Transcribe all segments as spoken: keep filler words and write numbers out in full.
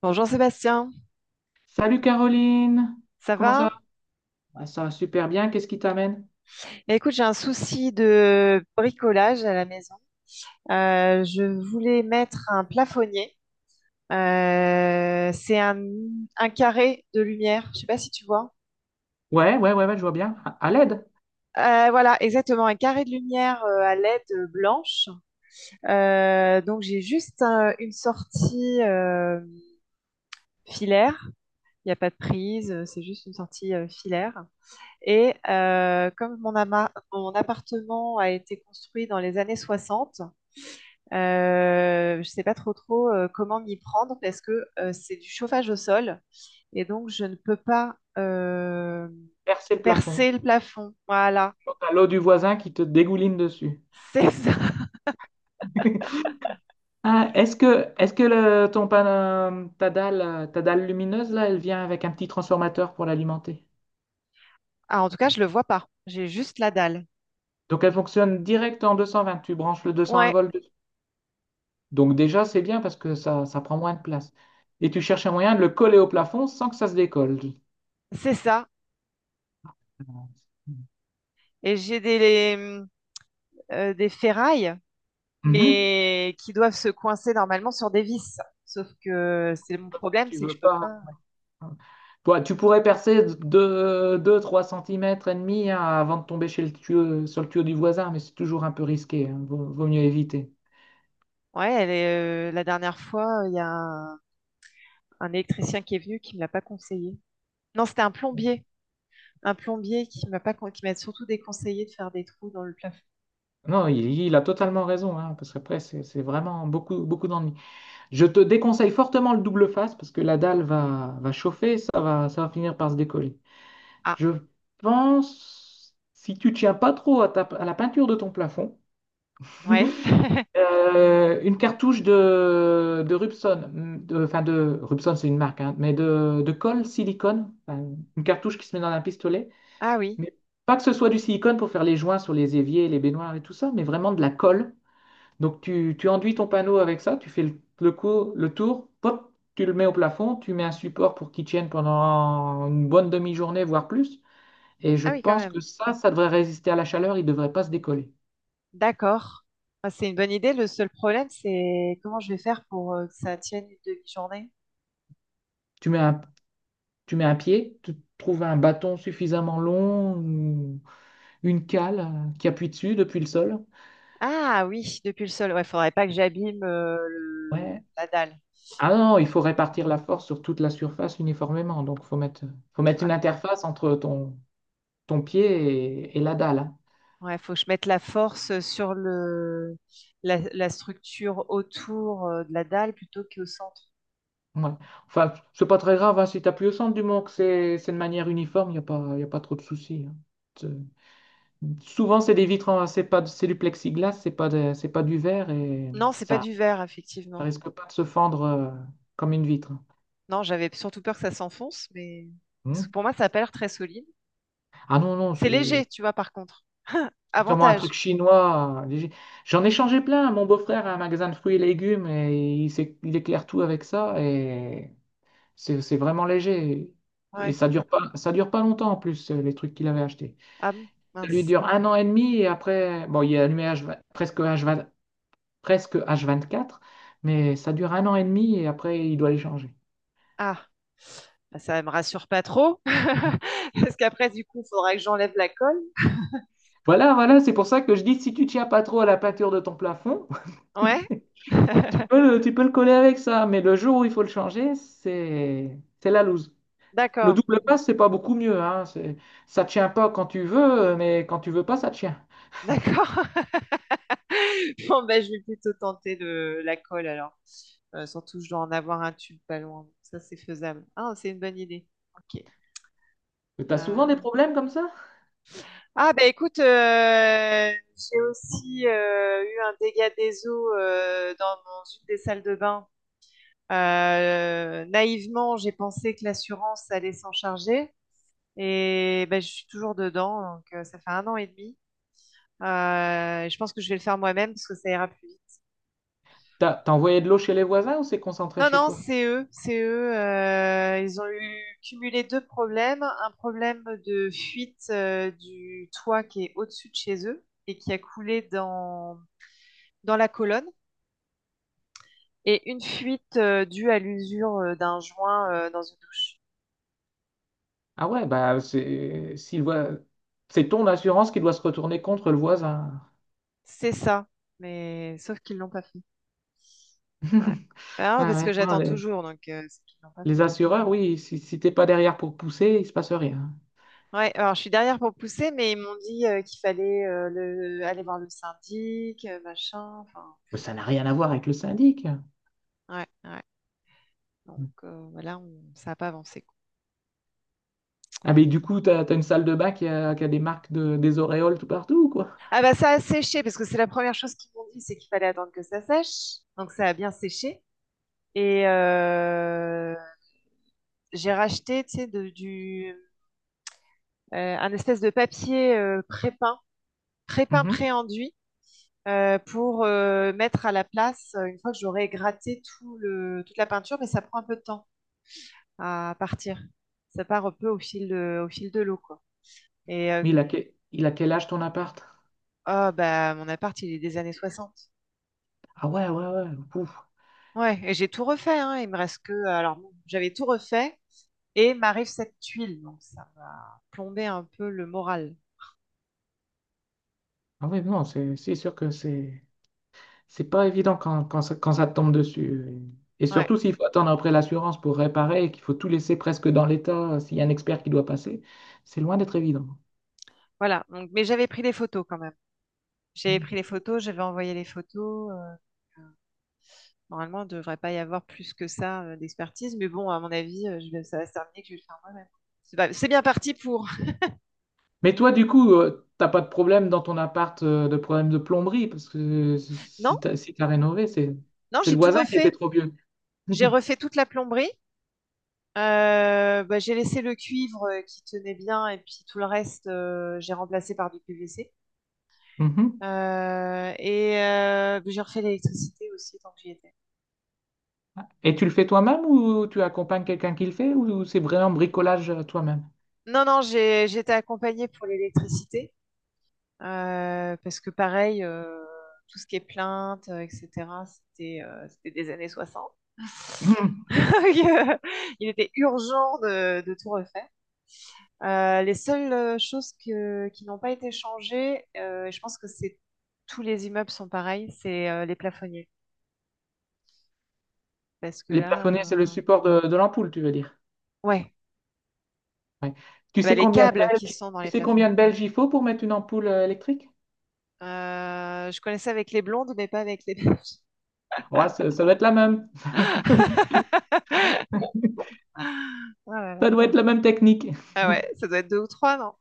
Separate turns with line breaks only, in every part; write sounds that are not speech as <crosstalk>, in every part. Bonjour Sébastien,
Salut Caroline,
ça
comment ça
va?
va? Ah, ça va super bien, qu'est-ce qui t'amène?
Eh, écoute, j'ai un souci de bricolage à la maison. Euh, je voulais mettre un plafonnier. Euh, c'est un, un carré de lumière, je ne sais pas si tu vois.
Ouais, ouais, ouais, ouais, je vois bien. À, à l'aide,
Euh, voilà, exactement, un carré de lumière euh, à L E D blanche. Euh, donc j'ai juste un- une sortie euh, filaire. Il n'y a pas de prise, euh, c'est juste une sortie euh, filaire. Et euh, comme mon, ama- mon appartement a été construit dans les années soixante. Euh, je ne sais pas trop trop euh, comment m'y prendre parce que euh, c'est du chauffage au sol et donc je ne peux pas euh,
percer le plafond.
percer le plafond. Voilà,
Donc, t'as l'eau du voisin qui te dégouline dessus.
<laughs> c'est ça.
<laughs> Ah, est-ce que, est-ce que le- ton pan- euh, ta dalle, euh, ta dalle lumineuse, là, elle vient avec un petit transformateur pour l'alimenter?
Ah, en tout cas, je le vois pas. J'ai juste la dalle.
Donc elle fonctionne direct en deux cent vingt, tu branches le deux cent un
Ouais,
volts dessus. Donc déjà, c'est bien parce que ça, ça prend moins de place. Et tu cherches un moyen de le coller au plafond sans que ça se décolle.
c'est ça. Et j'ai des, les, euh, des ferrailles,
Mhm.
mais qui doivent se coincer normalement sur des vis. Sauf que c'est mon problème,
Tu
c'est que
veux
je peux
pas.
pas.
Toi, tu pourrais percer deux, trois centimètres et demi hein, avant de tomber chez le tuyau, sur le tuyau du voisin, mais c'est toujours un peu risqué, hein. Vaut, vaut mieux éviter.
Ouais, elle est, euh, la dernière fois, il y a un, un électricien qui est venu qui me l'a pas conseillé. Non, c'était un plombier. Un plombier qui m'a pas, con- qui m'a surtout déconseillé de faire des trous dans le plafond.
Non, il, il a totalement raison, hein, parce qu'après, c'est c'est vraiment beaucoup, beaucoup d'ennuis. Je te déconseille fortement le double face, parce que la dalle va, va chauffer, ça va, ça va finir par se décoller.
Ah,
Je pense, si tu tiens pas trop à, ta- à la peinture de ton plafond,
ouais.
Euh, une cartouche de, de Rubson, de- enfin de Rubson c'est une marque, hein, mais de, de colle silicone, enfin, une cartouche qui se met dans un pistolet,
Ah oui.
mais pas que ce soit du silicone pour faire les joints sur les éviers, les baignoires et tout ça, mais vraiment de la colle. Donc tu, tu enduis ton panneau avec ça, tu fais le, le, cou- le tour, pop, tu le mets au plafond, tu mets un support pour qu'il tienne pendant une bonne demi-journée, voire plus, et je
Ah oui, quand
pense que
même.
ça, ça devrait résister à la chaleur, il ne devrait pas se décoller.
D'accord. Ah, c'est une bonne idée. Le seul problème, c'est comment je vais faire pour euh, que ça tienne une demi-journée.
Tu mets un, Tu mets un pied, tu trouves un bâton suffisamment long, ou une cale euh, qui appuie dessus depuis le sol.
Ah oui, depuis le sol. Ouais, faudrait pas que j'abîme euh, le-
Ouais.
la dalle.
Ah non, il faut
Hmm.
répartir la force sur toute la surface uniformément. Donc, faut mettre, faut mettre une
Ouais.
interface entre ton, ton pied et, et la dalle, hein.
Ouais, faut que je mette la force sur le la, la structure autour euh, de la dalle plutôt qu'au centre.
Ouais. Enfin, c'est pas très grave hein, si tu appuies au centre du moment que c'est c'est de manière uniforme, il n'y a pas, y a pas trop de soucis, hein. C'est- Souvent, c'est des vitres, en- c'est pas, c'est du plexiglas, c'est pas, de- c'est pas du verre et
Non, c'est pas
ça,
du verre,
ça
effectivement.
risque pas de se fendre euh, comme une vitre, hein.
Non, j'avais surtout peur que ça s'enfonce, mais
Hmm.
pour moi, ça a pas l'air très solide.
Ah non, non,
C'est
c'est
léger, tu vois, par contre. <laughs>
c'est sûrement un
Avantage.
truc chinois, euh, léger. J'en ai changé plein. Mon beau-frère a un magasin de fruits et légumes et il, s'é- il éclaire tout avec ça et c'est c'est vraiment léger. Et
Ouais.
ça dure pas, ça dure pas longtemps en plus, euh, les trucs qu'il avait achetés.
Ah,
Ça lui
mince.
dure un an et demi et après, bon, il est allumé H vingt- presque, hache vingt presque hache vingt-quatre, mais ça dure un an et demi et après, il doit les changer.
Ah, bah, ça me rassure pas trop. <laughs> Parce qu'après, du coup, il faudra que j'enlève la colle.
Voilà, voilà, c'est pour ça que je dis, si tu tiens pas trop à la peinture de ton plafond,
Ouais.
<laughs> Tu peux
<laughs>
le, tu peux le coller avec ça, mais le jour où il faut le changer, c'est c'est la loose. Le
D'accord.
double passe, c'est pas beaucoup mieux, hein. C'est, ça tient pas quand tu veux, mais quand tu veux pas, ça tient.
D'accord. <laughs> Bon, bah, je vais plutôt tenter le- la colle alors. Euh, surtout, je dois en avoir un tube pas loin. Ça, c'est faisable. Ah, c'est une bonne idée. Ok.
Mais t'as souvent des
Ah.
problèmes comme ça?
Ah bah écoute, euh, j'ai aussi euh, eu un dégât des eaux euh, dans, dans une des salles de bain. Euh, naïvement, j'ai pensé que l'assurance allait s'en charger et bah, je suis toujours dedans, donc euh, ça fait un an et demi. Euh, je pense que je vais le faire moi-même parce que ça ira plus vite.
T'as, t'as envoyé de l'eau chez les voisins ou c'est concentré
Non,
chez
non,
toi?
c'est eux, c'est eux. Euh, ils ont eu cumulé deux problèmes. Un problème de fuite euh, du toit qui est au-dessus de chez eux et qui a coulé dans dans la colonne. Et une fuite euh, due à l'usure euh, d'un joint euh, dans une douche.
Ah ouais, bah c'est s'il voit, c'est ton assurance qui doit se retourner contre le voisin.
C'est ça, mais sauf qu'ils l'ont pas fait. Ouais.
<laughs>
Ah,
Ouais,
parce que
ouais, non,
j'attends
les,
toujours, donc euh, c'est qu'ils l'ont pas fait.
les assureurs, oui, si, si t'es pas derrière pour pousser, il se passe rien.
Ouais, alors je suis derrière pour pousser, mais ils m'ont dit euh, qu'il fallait euh, le- aller voir le syndic, euh, machin, enfin,
Mais ça n'a rien à voir avec le syndic.
ouais, ouais. Donc euh, voilà, on- ça n'a pas avancé, quoi.
Ah, mais du coup, t'as, t'as une salle de bain qui a, qui a des marques de, des auréoles tout partout ou quoi?
Ah bah ça a séché, parce que c'est la première chose qu'ils m'ont dit, c'est qu'il fallait attendre que ça sèche. Donc ça a bien séché. Et euh, j'ai racheté, tu sais, de- du, euh, un espèce de papier euh, pré-peint, pré-peint,
Mhm.
pré-enduit euh, pour euh, mettre à la place euh, une fois que j'aurai gratté tout le, toute la peinture, mais ça prend un peu de temps à partir. Ça part un peu au fil de, au fil de l'eau, quoi. Et euh,
Mais il a, que- il a quel âge ton appart?
oh, bah, mon appart, il est des années soixante.
Ah ouais, ouais, ouais. Pouf.
Ouais, et j'ai tout refait, hein. Il me reste que. Alors, bon, j'avais tout refait et m'arrive cette tuile. Donc, ça m'a plombé un peu le moral.
Ah ouais, non, c'est c'est sûr que c'est c'est pas évident quand, quand, ça, quand ça te tombe dessus. Et
Ouais,
surtout s'il faut attendre après l'assurance pour réparer et qu'il faut tout laisser presque dans l'état, euh, s'il y a un expert qui doit passer, c'est loin d'être évident.
voilà. Donc, mais j'avais pris des photos quand même. J'avais
Mhm.
pris les photos, j'avais envoyé les photos. euh, euh, Normalement, il ne devrait pas y avoir plus que ça euh, d'expertise, mais bon, à mon avis, euh, je vais- ça va se terminer que je vais le faire moi-même. C'est pas- C'est bien parti pour. <laughs>
Mais toi, du coup, euh, t'as pas de problème dans ton appart euh, de problème de plomberie parce que euh, si
Non,
si t'as si t'as rénové, c'est
non,
c'est
j'ai
le
tout
voisin qui était
refait.
trop vieux.
J'ai refait toute la plomberie. Euh, bah, j'ai laissé le cuivre euh, qui tenait bien et puis tout le reste, euh, j'ai remplacé par du P V C.
<laughs>
Euh, et euh, j'ai refait l'électricité aussi tant que j'y étais.
Et tu le fais toi-même ou tu accompagnes quelqu'un qui le fait ou c'est vraiment bricolage euh, toi-même?
Non, non, j'ai, j'ai été accompagnée pour l'électricité. Euh, parce que pareil, euh, tout ce qui est plainte, euh, et cetera, c'était euh, c'était des années soixante.
Mhm.
<laughs> Il était urgent de, de tout refaire. Euh, les seules euh, choses que- qui n'ont pas été changées, euh, je pense que c'est tous les immeubles sont pareils, c'est euh, les plafonniers. Parce que
Les
là,
plafonnets, c'est le
euh,
support de, de l'ampoule, tu veux dire.
ouais,
Ouais. Tu
bah,
sais
les
combien de
câbles qui
belges,
sont dans
tu
les
sais
plafonds.
combien de Belges il faut pour mettre une ampoule euh, électrique?
Euh, je connaissais avec les blondes, mais pas avec les beiges.
Ouais, ça, ça doit être la même.
<laughs> Ah là
Ça
là.
doit être la même technique.
Ah ouais, ça doit être deux ou trois, non?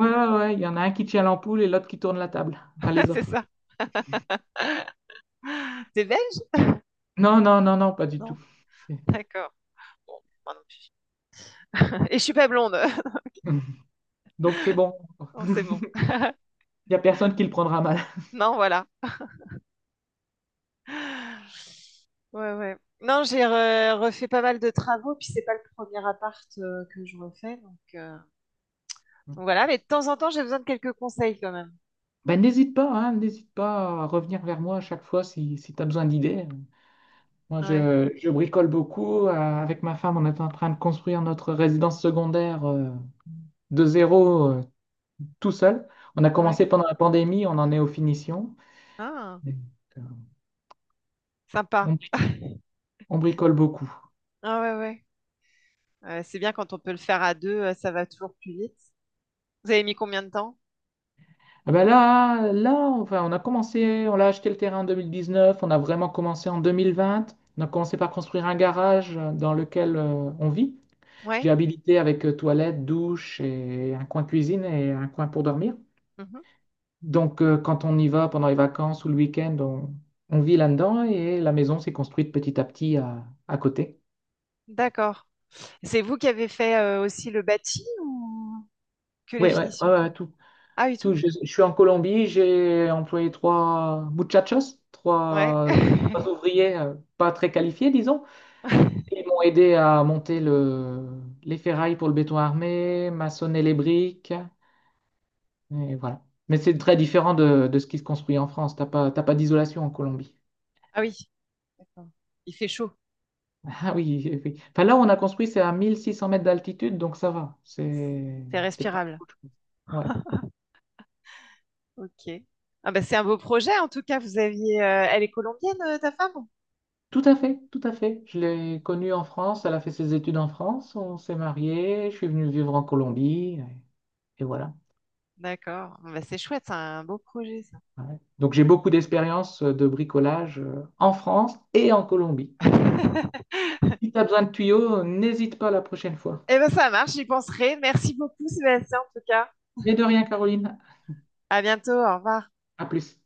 Ouais, ouais, ouais, il y en a un qui tient l'ampoule et l'autre qui tourne la table. Enfin, les
<laughs> C'est
autres.
ça. T'es belge?
Non, non, non, non, pas du tout.
Non.
C'est-
D'accord. Bon, moi non plus. <laughs> Et je suis pas blonde. <laughs>
<laughs> Donc c'est bon. <laughs>
Non, c'est bon.
Il n'y a personne qui le prendra mal.
Non, voilà. Ouais, ouais. Non, j'ai re- refait pas mal de travaux, puis c'est pas le premier appart euh, que je refais, donc, euh, donc voilà. Mais de temps en temps, j'ai besoin de quelques conseils quand même.
Ben, n'hésite pas, hein, n'hésite pas à revenir vers moi à chaque fois si, si tu as besoin d'idées. Moi,
Ouais,
je, je bricole beaucoup. Euh, avec ma femme, on est en train de construire notre résidence secondaire euh, de zéro euh, tout seul. On a commencé
ouais.
pendant la pandémie, on en est aux finitions.
Ah,
Donc, euh,
sympa.
on, on bricole beaucoup.
Ah ouais, ouais. Euh, c'est bien quand on peut le faire à deux, euh, ça va toujours plus vite. Vous avez mis combien de temps?
Ah ben là, là, enfin, on a commencé, on a acheté le terrain en deux mille dix-neuf, on a vraiment commencé en deux mille vingt. On a commencé par construire un garage euh, dans lequel euh, on vit. J'ai
Ouais.
habilité avec euh, toilette, douche et un coin cuisine et un coin pour dormir.
Mhm.
Donc, euh, quand on y va pendant les vacances ou le week-end, on, on vit là-dedans et la maison s'est construite petit à petit à, à côté.
D'accord. C'est vous qui avez fait euh, aussi le bâti ou que
Oui,
les
ouais, ouais, ouais,
finitions?
ouais, tout,
Ah oui,
tout.
tout.
Je, je suis en Colombie, j'ai employé trois muchachos,
Ouais.
trois, trois
<laughs>
ouvriers euh, pas très qualifiés, disons. Ils m'ont aidé à monter le, les ferrailles pour le béton armé, maçonner les briques, et voilà. Mais c'est très différent de, de ce qui se construit en France. T'as pas, t'as pas d'isolation en Colombie.
Ah oui, d'accord. Il fait chaud,
Ah oui, oui. Enfin, là, où on a construit, c'est à mille six cents mètres d'altitude, donc ça va. C'est,
c'est
c'est pas
respirable.
trop chaud. Ouais,
Ok. Ah bah c'est un beau projet en tout cas. Vous aviez, euh, elle est colombienne euh, ta femme?
tout à fait, tout à fait. Je l'ai connue en France, elle a fait ses études en France, on s'est mariés, je suis venu vivre en Colombie, et, et voilà.
D'accord. Ah bah c'est chouette, c'est un beau projet ça.
Ouais. Donc, j'ai beaucoup d'expérience euh, de bricolage euh, en France et en Colombie. Donc,
<laughs>
si tu as besoin de tuyaux, n'hésite pas la prochaine fois.
Eh ben ça marche, j'y penserai. Merci beaucoup Sébastien en tout cas.
Mais de rien, Caroline,
À bientôt, au revoir.
à plus.